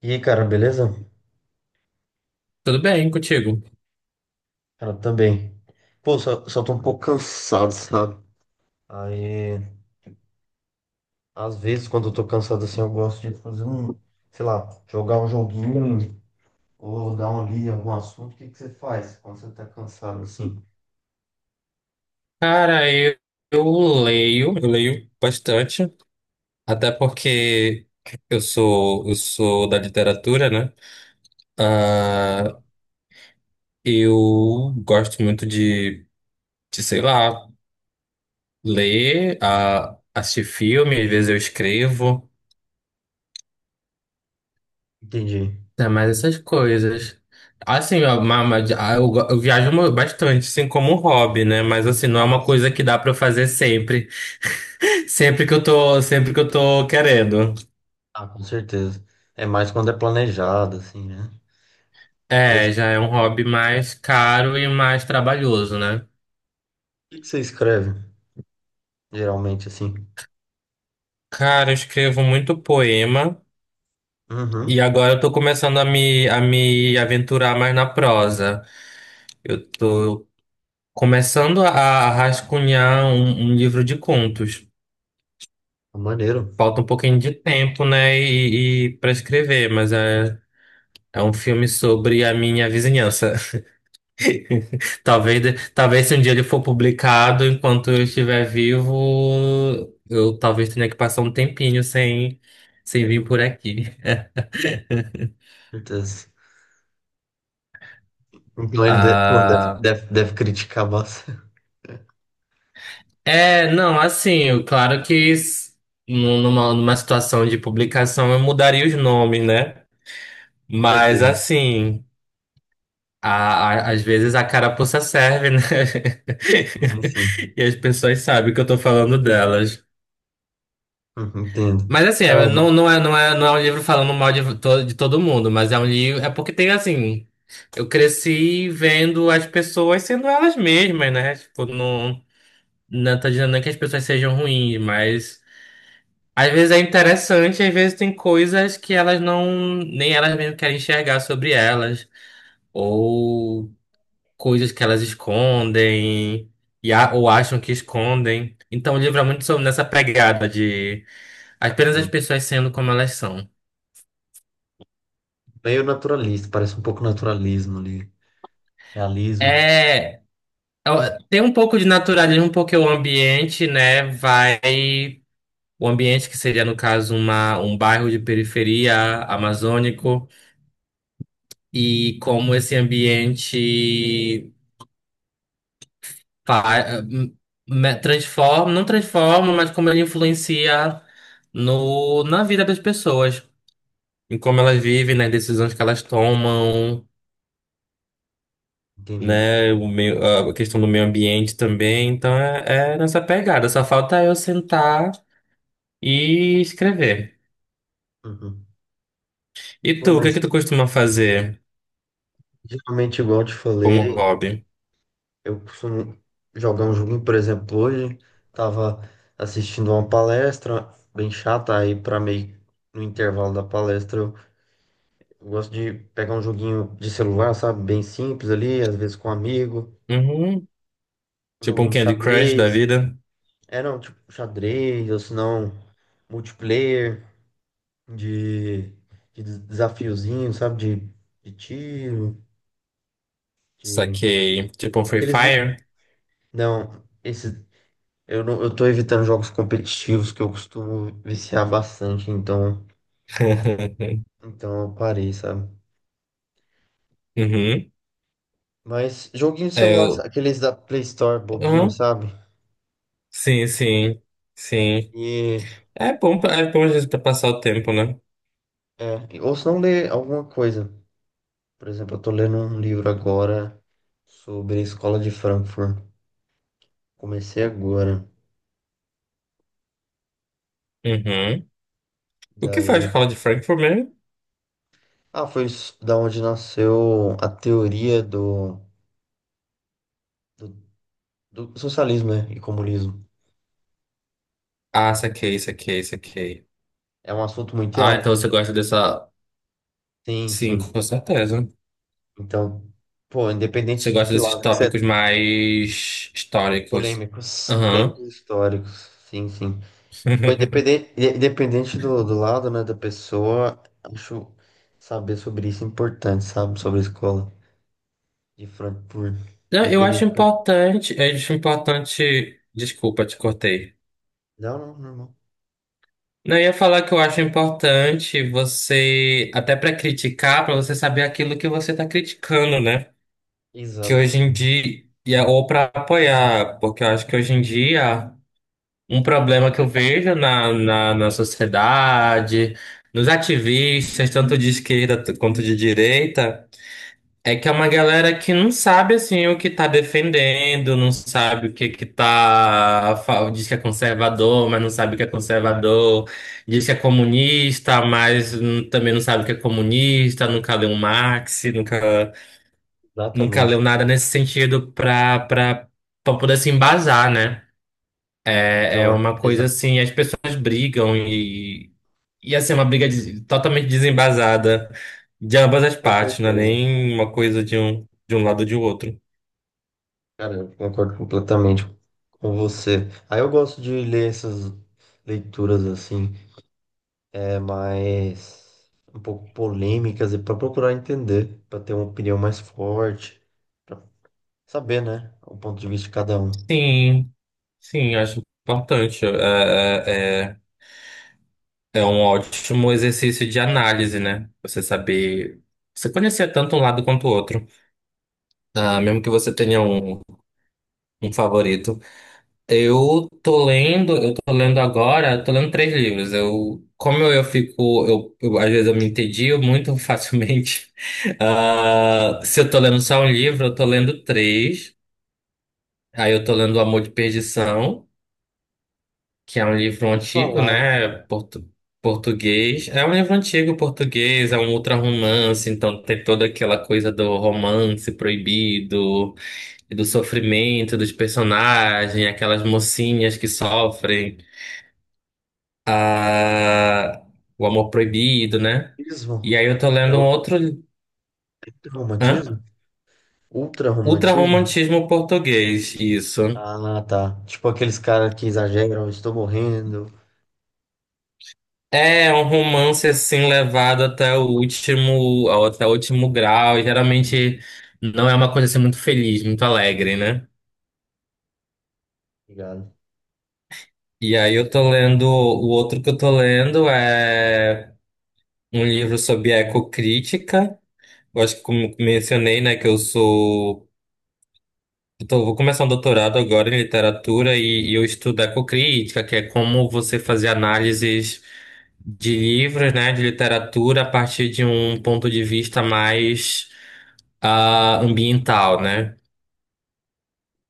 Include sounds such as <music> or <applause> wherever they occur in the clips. E aí, cara, beleza? Tudo bem contigo? Cara, também. Pô, só tô um pouco cansado, sabe? Aí, às vezes, quando eu tô cansado assim, eu gosto de fazer um, sei lá, jogar um joguinho ou dar uma lida em algum assunto. O que que você faz quando você tá cansado assim? Cara, eu leio, eu leio bastante, até porque eu sou da literatura, né? Ah, eu gosto muito sei lá, ler, assistir filme, às vezes eu escrevo, Entendi. né? Mas essas coisas. Assim, ó, eu bastante, assim, como um hobby, né? Mas assim, não é Ah, uma sim. coisa que dá pra eu fazer sempre, <laughs> sempre que eu tô querendo. Ah, com certeza. É mais quando é planejado, assim, né? Mas É, o já é um hobby mais caro e mais trabalhoso, né? que que você escreve, geralmente, assim? Cara, eu escrevo muito poema e Uhum. agora eu tô começando a me aventurar mais na prosa. Eu tô começando a rascunhar um livro de contos. Maneiro, Falta um pouquinho de tempo, né, e para escrever, mas é, é um filme sobre a minha vizinhança. <laughs> Talvez se um dia ele for publicado, enquanto eu estiver vivo, eu talvez tenha que passar um tempinho sem, sem vir por aqui. <laughs> com certeza. Então ele deve, pô, deve, Ah, deve, deve criticar bastante. Não, assim, eu- claro que s- nu- numa, numa situação de publicação eu mudaria os nomes, né? <laughs> Com Mas certeza. assim, a, às vezes a carapuça serve, né? Sim, sim. <laughs> E as pessoas sabem que eu tô falando delas. Uhum, entendo. Mas assim, É é, uma não é um livro falando mal de todo mundo, mas é um livro. É porque tem assim. Eu cresci vendo as pessoas sendo elas mesmas, né? Tipo, não, não tô dizendo nem que as pessoas sejam ruins, mas às vezes é interessante, às vezes tem coisas que elas não, nem elas mesmas querem enxergar sobre elas, ou coisas que elas escondem, ou acham que escondem. Então o livro é muito sobre nessa pegada de apenas as pessoas sendo como elas são. meio naturalista, parece um pouco naturalismo ali, realismo, É, ó, tem um pouco de naturalismo porque o ambiente, né, vai, o ambiente que seria no caso um bairro de periferia amazônico e como esse ambiente fa- hum, não transforma, mas como ele influencia no, na vida das pessoas, em como elas vivem, nas decisões que elas tomam. entendi. Né, o meio, a questão do meio ambiente também, então é, é nessa pegada. Só falta eu sentar e escrever. Uhum. E tu, Pô, o que é mas que tu costuma fazer geralmente, igual eu te como falei, hobby? eu costumo jogar um joguinho, por exemplo, hoje, tava assistindo uma palestra bem chata, aí pra meio no intervalo da palestra, eu gosto de pegar um joguinho de celular, sabe, bem simples ali, às vezes com um amigo, Uhum. um Tipo um joguinho de Candy Crush da xadrez, vida? é, não, tipo xadrez, ou se não, multiplayer. de, de desafiozinho, sabe? De tiro, de. Saquei. Tipo um Free Aqueles. Fire? Não, esse. Eu não, eu tô evitando jogos competitivos que eu costumo viciar bastante, então, <laughs> então eu parei, sabe? Uhum. Mas joguinho de É, celular, eu... aqueles da Play Store bobinho, Uhum. sabe? Sim, sim. Sim. E É bom, pra- é bom às vezes pra passar o tempo, né? é, ou se não ler alguma coisa. Por exemplo, eu tô lendo um livro agora sobre a Escola de Frankfurt. Comecei agora. Uhum. O que faz Daí escola de Frankfurt mesmo? ah, da onde nasceu a teoria do, do, do socialismo, né, e comunismo. Ah, saquei, saquei, saquei. É um assunto muito Ah, amplo. então você gosta dessa... Sim, Sim, sim. com certeza. Então, pô, Você independente de gosta que desses lado que você... tópicos é, mais históricos. polêmicos, Aham. polêmicos históricos. Sim, sim. Pô, <laughs> independente, independente do, do lado, né, da pessoa, acho saber sobre isso é importante, sabe? Sobre a Escola de Frankfurt. Não, eu acho Independente, pô. importante, eu acho importante. Desculpa, te cortei. Não, não, normal. Não, eu ia falar que eu acho importante você, até pra criticar, pra você saber aquilo que você tá criticando, né? Que Exatamente, hoje em dia, ou pra apoiar, porque eu acho que hoje em dia, um problema que eu vejo na sociedade, nos ativistas, tanto de esquerda t- quanto de direita, é que é uma galera que não sabe assim o que tá defendendo, não sabe o que que tá, fa- diz que é conservador, mas não sabe o que é conservador, diz que é comunista, mas também não sabe o que é comunista, nunca leu Marx, nunca leu exatamente. nada nesse sentido pra para para poder se embasar, né? É, é Então, uma coisa exa assim, as pessoas brigam e assim é uma totalmente desembasada de ambas as com partes, não é certeza. nem uma coisa de um lado ou de outro. Cara, eu concordo completamente com você. Aí eu gosto de ler essas leituras assim, é mais um pouco polêmicas e para procurar entender, para ter uma opinião mais forte, para saber, né, o ponto de vista de cada um. Sim, sim, acho importante. É um ótimo exercício de análise, né? Você conhecer tanto um lado quanto o outro. Ah, Sim. mesmo que você tenha um, um favorito. Eu tô lendo agora, tô lendo três livros. Eu, como eu fico, eu- às vezes eu me entedio muito <laughs> facilmente. Ah, se eu tô lendo só um livro, eu tô lendo três. Aí eu tô lendo O Amor de Perdição, que é um livro E antigo, falar, né? Português. É um livro antigo português, é um ultra-romance, então tem toda aquela coisa do romance proibido e do sofrimento dos personagens, aquelas mocinhas que sofrem, ah, o amor proibido, né? E ismo, aí eu tô é lendo um o outro. é Hã? romantismo? Ultra-romantismo? Ultra-romantismo português, isso. Ah, tá. Tipo aqueles caras que exageram, estou morrendo. É um romance assim levado até o último grau. E geralmente não é uma coisa assim muito feliz, muito alegre, né? Obrigado. E aí eu tô lendo, o outro que eu tô lendo é um livro sobre ecocrítica. Eu acho que como mencionei, né, que eu sou, vou começar um doutorado agora em literatura e eu estudo ecocrítica, que é como você fazer análises de livros, né, de literatura a partir de um ponto de vista mais ambiental, né?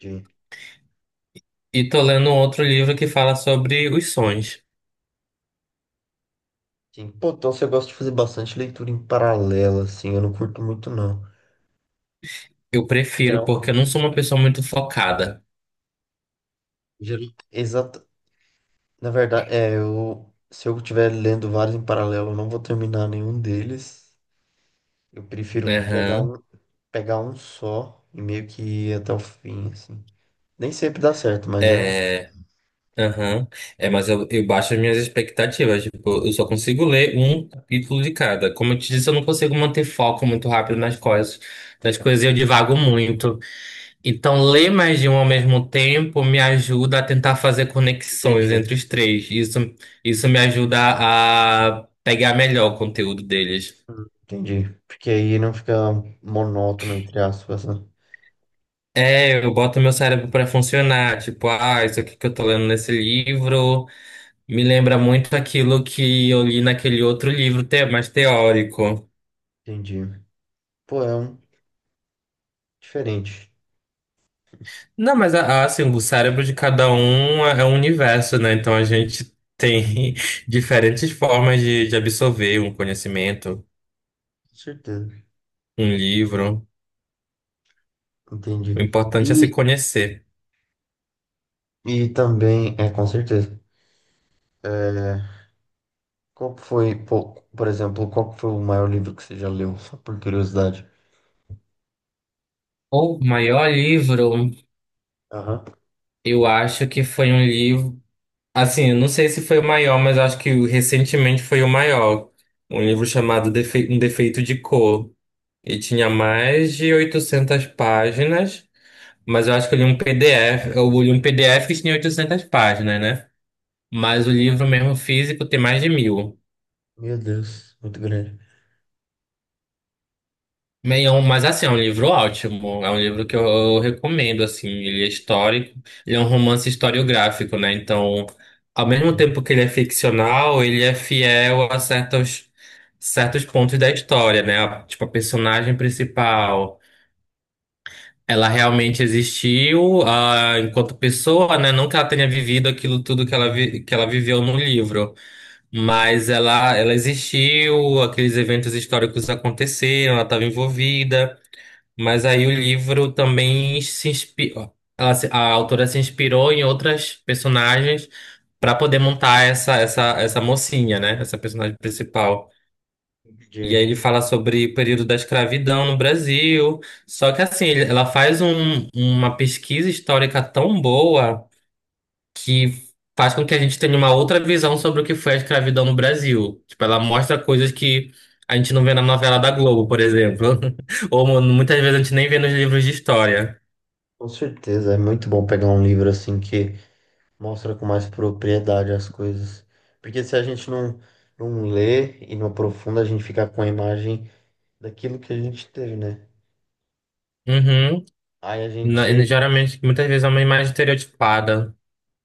Sim. E tô lendo um outro livro que fala sobre os sonhos. Sim. Pô, então você gosta de fazer bastante leitura em paralelo, assim, eu não curto muito, não. Eu prefiro, Geral, porque eu não sou uma pessoa muito focada. Exato. Na verdade, é, eu, se eu estiver lendo vários em paralelo, eu não vou terminar nenhum deles. Eu prefiro Aham. Pegar um só e meio que ir até o fim, assim. Nem sempre dá certo, mas é. É. Aham. É, mas eu baixo as minhas expectativas. Tipo, eu só consigo ler um capítulo de cada. Como eu te disse, eu não consigo manter foco muito rápido nas coisas. Nas coisas e eu divago muito. Então, ler mais de um ao mesmo tempo me ajuda a tentar fazer conexões Entendi. entre os três. Isso, isso me ajuda a pegar melhor o conteúdo deles. Entendi. Porque aí não fica monótono, entre aspas, né? É, eu boto meu cérebro para funcionar. Tipo, ah, isso aqui que eu tô lendo nesse livro me lembra muito aquilo que eu li naquele mais teórico. Entendi. Pô, é um diferente. Não, mas assim, o cérebro de cada um é um universo, né? Então a gente tem <laughs> diferentes formas de absorver um conhecimento, Com certeza. um livro. O Entendi. importante é se conhecer. E também, é, com certeza. É, qual que foi, pô, por exemplo, qual que foi o maior livro que você já leu, só por curiosidade? O maior livro, Aham. eu acho que foi um livro. Assim, eu não sei se foi o maior, mas eu acho que recentemente foi o maior. Um livro chamado Um Defeito de Cor. E tinha mais de 800 páginas, mas eu acho que eu li um PDF. Eu li um PDF que tinha 800 páginas, né? Mas o livro mesmo físico tem mais de mil. Meu Deus, muito grande. Meio, mas assim, é um livro ótimo. É um livro que eu recomendo, assim. Ele é histórico. Ele é um romance historiográfico, né? Então, ao mesmo Sim. tempo que ele é ficcional, ele é fiel a certos, certos pontos da história, né? A- Tipo, a personagem principal, ela realmente existiu, enquanto pessoa, né? Não que ela tenha vivido aquilo tudo que que ela viveu no livro. Mas ela existiu, aqueles eventos históricos aconteceram, ela estava envolvida. Mas aí o livro também se inspirou. Ela, se- A autora se inspirou em outras personagens para poder montar essa mocinha, né? Essa personagem principal. E aí Entendi. ele fala sobre o período da escravidão no Brasil. Só que assim, ela faz uma pesquisa histórica tão boa que faz com que a gente tenha uma outra visão sobre o que foi a escravidão no Brasil. Tipo, ela mostra coisas que a gente não vê na novela da Globo, por exemplo. <laughs> Ou muitas vezes a gente nem vê nos livros de história. Com certeza, é muito bom pegar um livro assim que mostra com mais propriedade as coisas. Porque se a gente não, não lê e não aprofunda, a gente fica com a imagem daquilo que a gente teve, né? Uhum. Aí a Na- e gente. geralmente, muitas vezes é uma imagem estereotipada.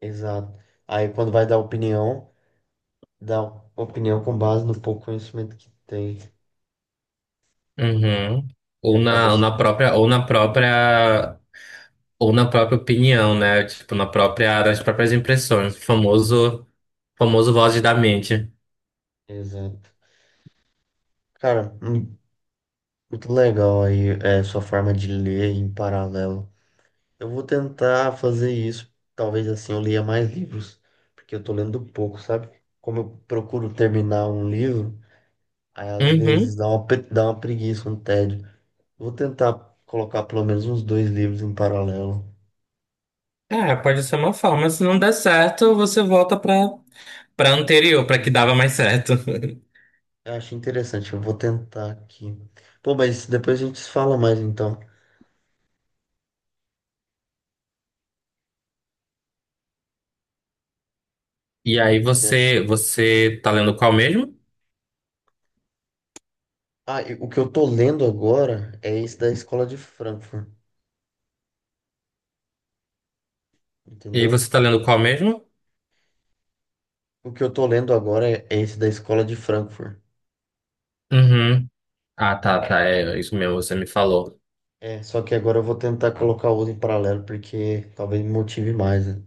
Exato. Aí quando vai dar opinião, dá opinião com base no pouco conhecimento que tem. Uhum. E Ou acaba na, ou assim. na própria, ou na própria, ou na própria opinião, né? Tipo, na própria, nas próprias impressões. Famoso vozes da mente. Exato. Cara, muito legal aí, é, sua forma de ler em paralelo. Eu vou tentar fazer isso. Talvez assim eu leia mais livros, porque eu tô lendo pouco, sabe? Como eu procuro terminar um livro, aí às vezes Uhum. dá uma, dá uma preguiça, um tédio. Vou tentar colocar pelo menos uns dois livros em paralelo. É, pode ser uma forma. Se não der certo, você volta pra pra anterior, pra que Hum. dava mais certo. <laughs> Eu acho interessante, eu vou tentar aqui. Pô, mas depois a gente se fala mais então. E aí Tem- você tá lendo qual mesmo? ah, e o que eu tô lendo agora é esse da Escola de Frankfurt, E aí entendeu? você tá lendo qual mesmo? O que eu tô lendo agora é esse da Escola de Frankfurt. Uhum. Ah, tá, tá. É isso mesmo, você me falou. É, só que agora eu vou tentar colocar o outro em paralelo, porque talvez me motive mais, né?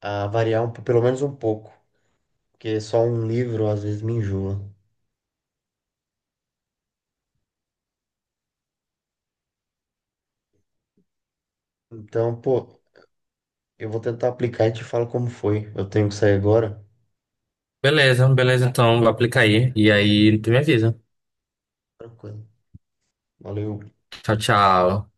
A variar um, pelo menos um pouco, porque só um livro às vezes me enjoa. Então, pô, eu vou tentar aplicar e te falo como foi. Eu tenho que sair agora. Beleza, beleza, então aplica aí. E aí tu me avisa. Tranquilo. Valeu. Tchau, tchau.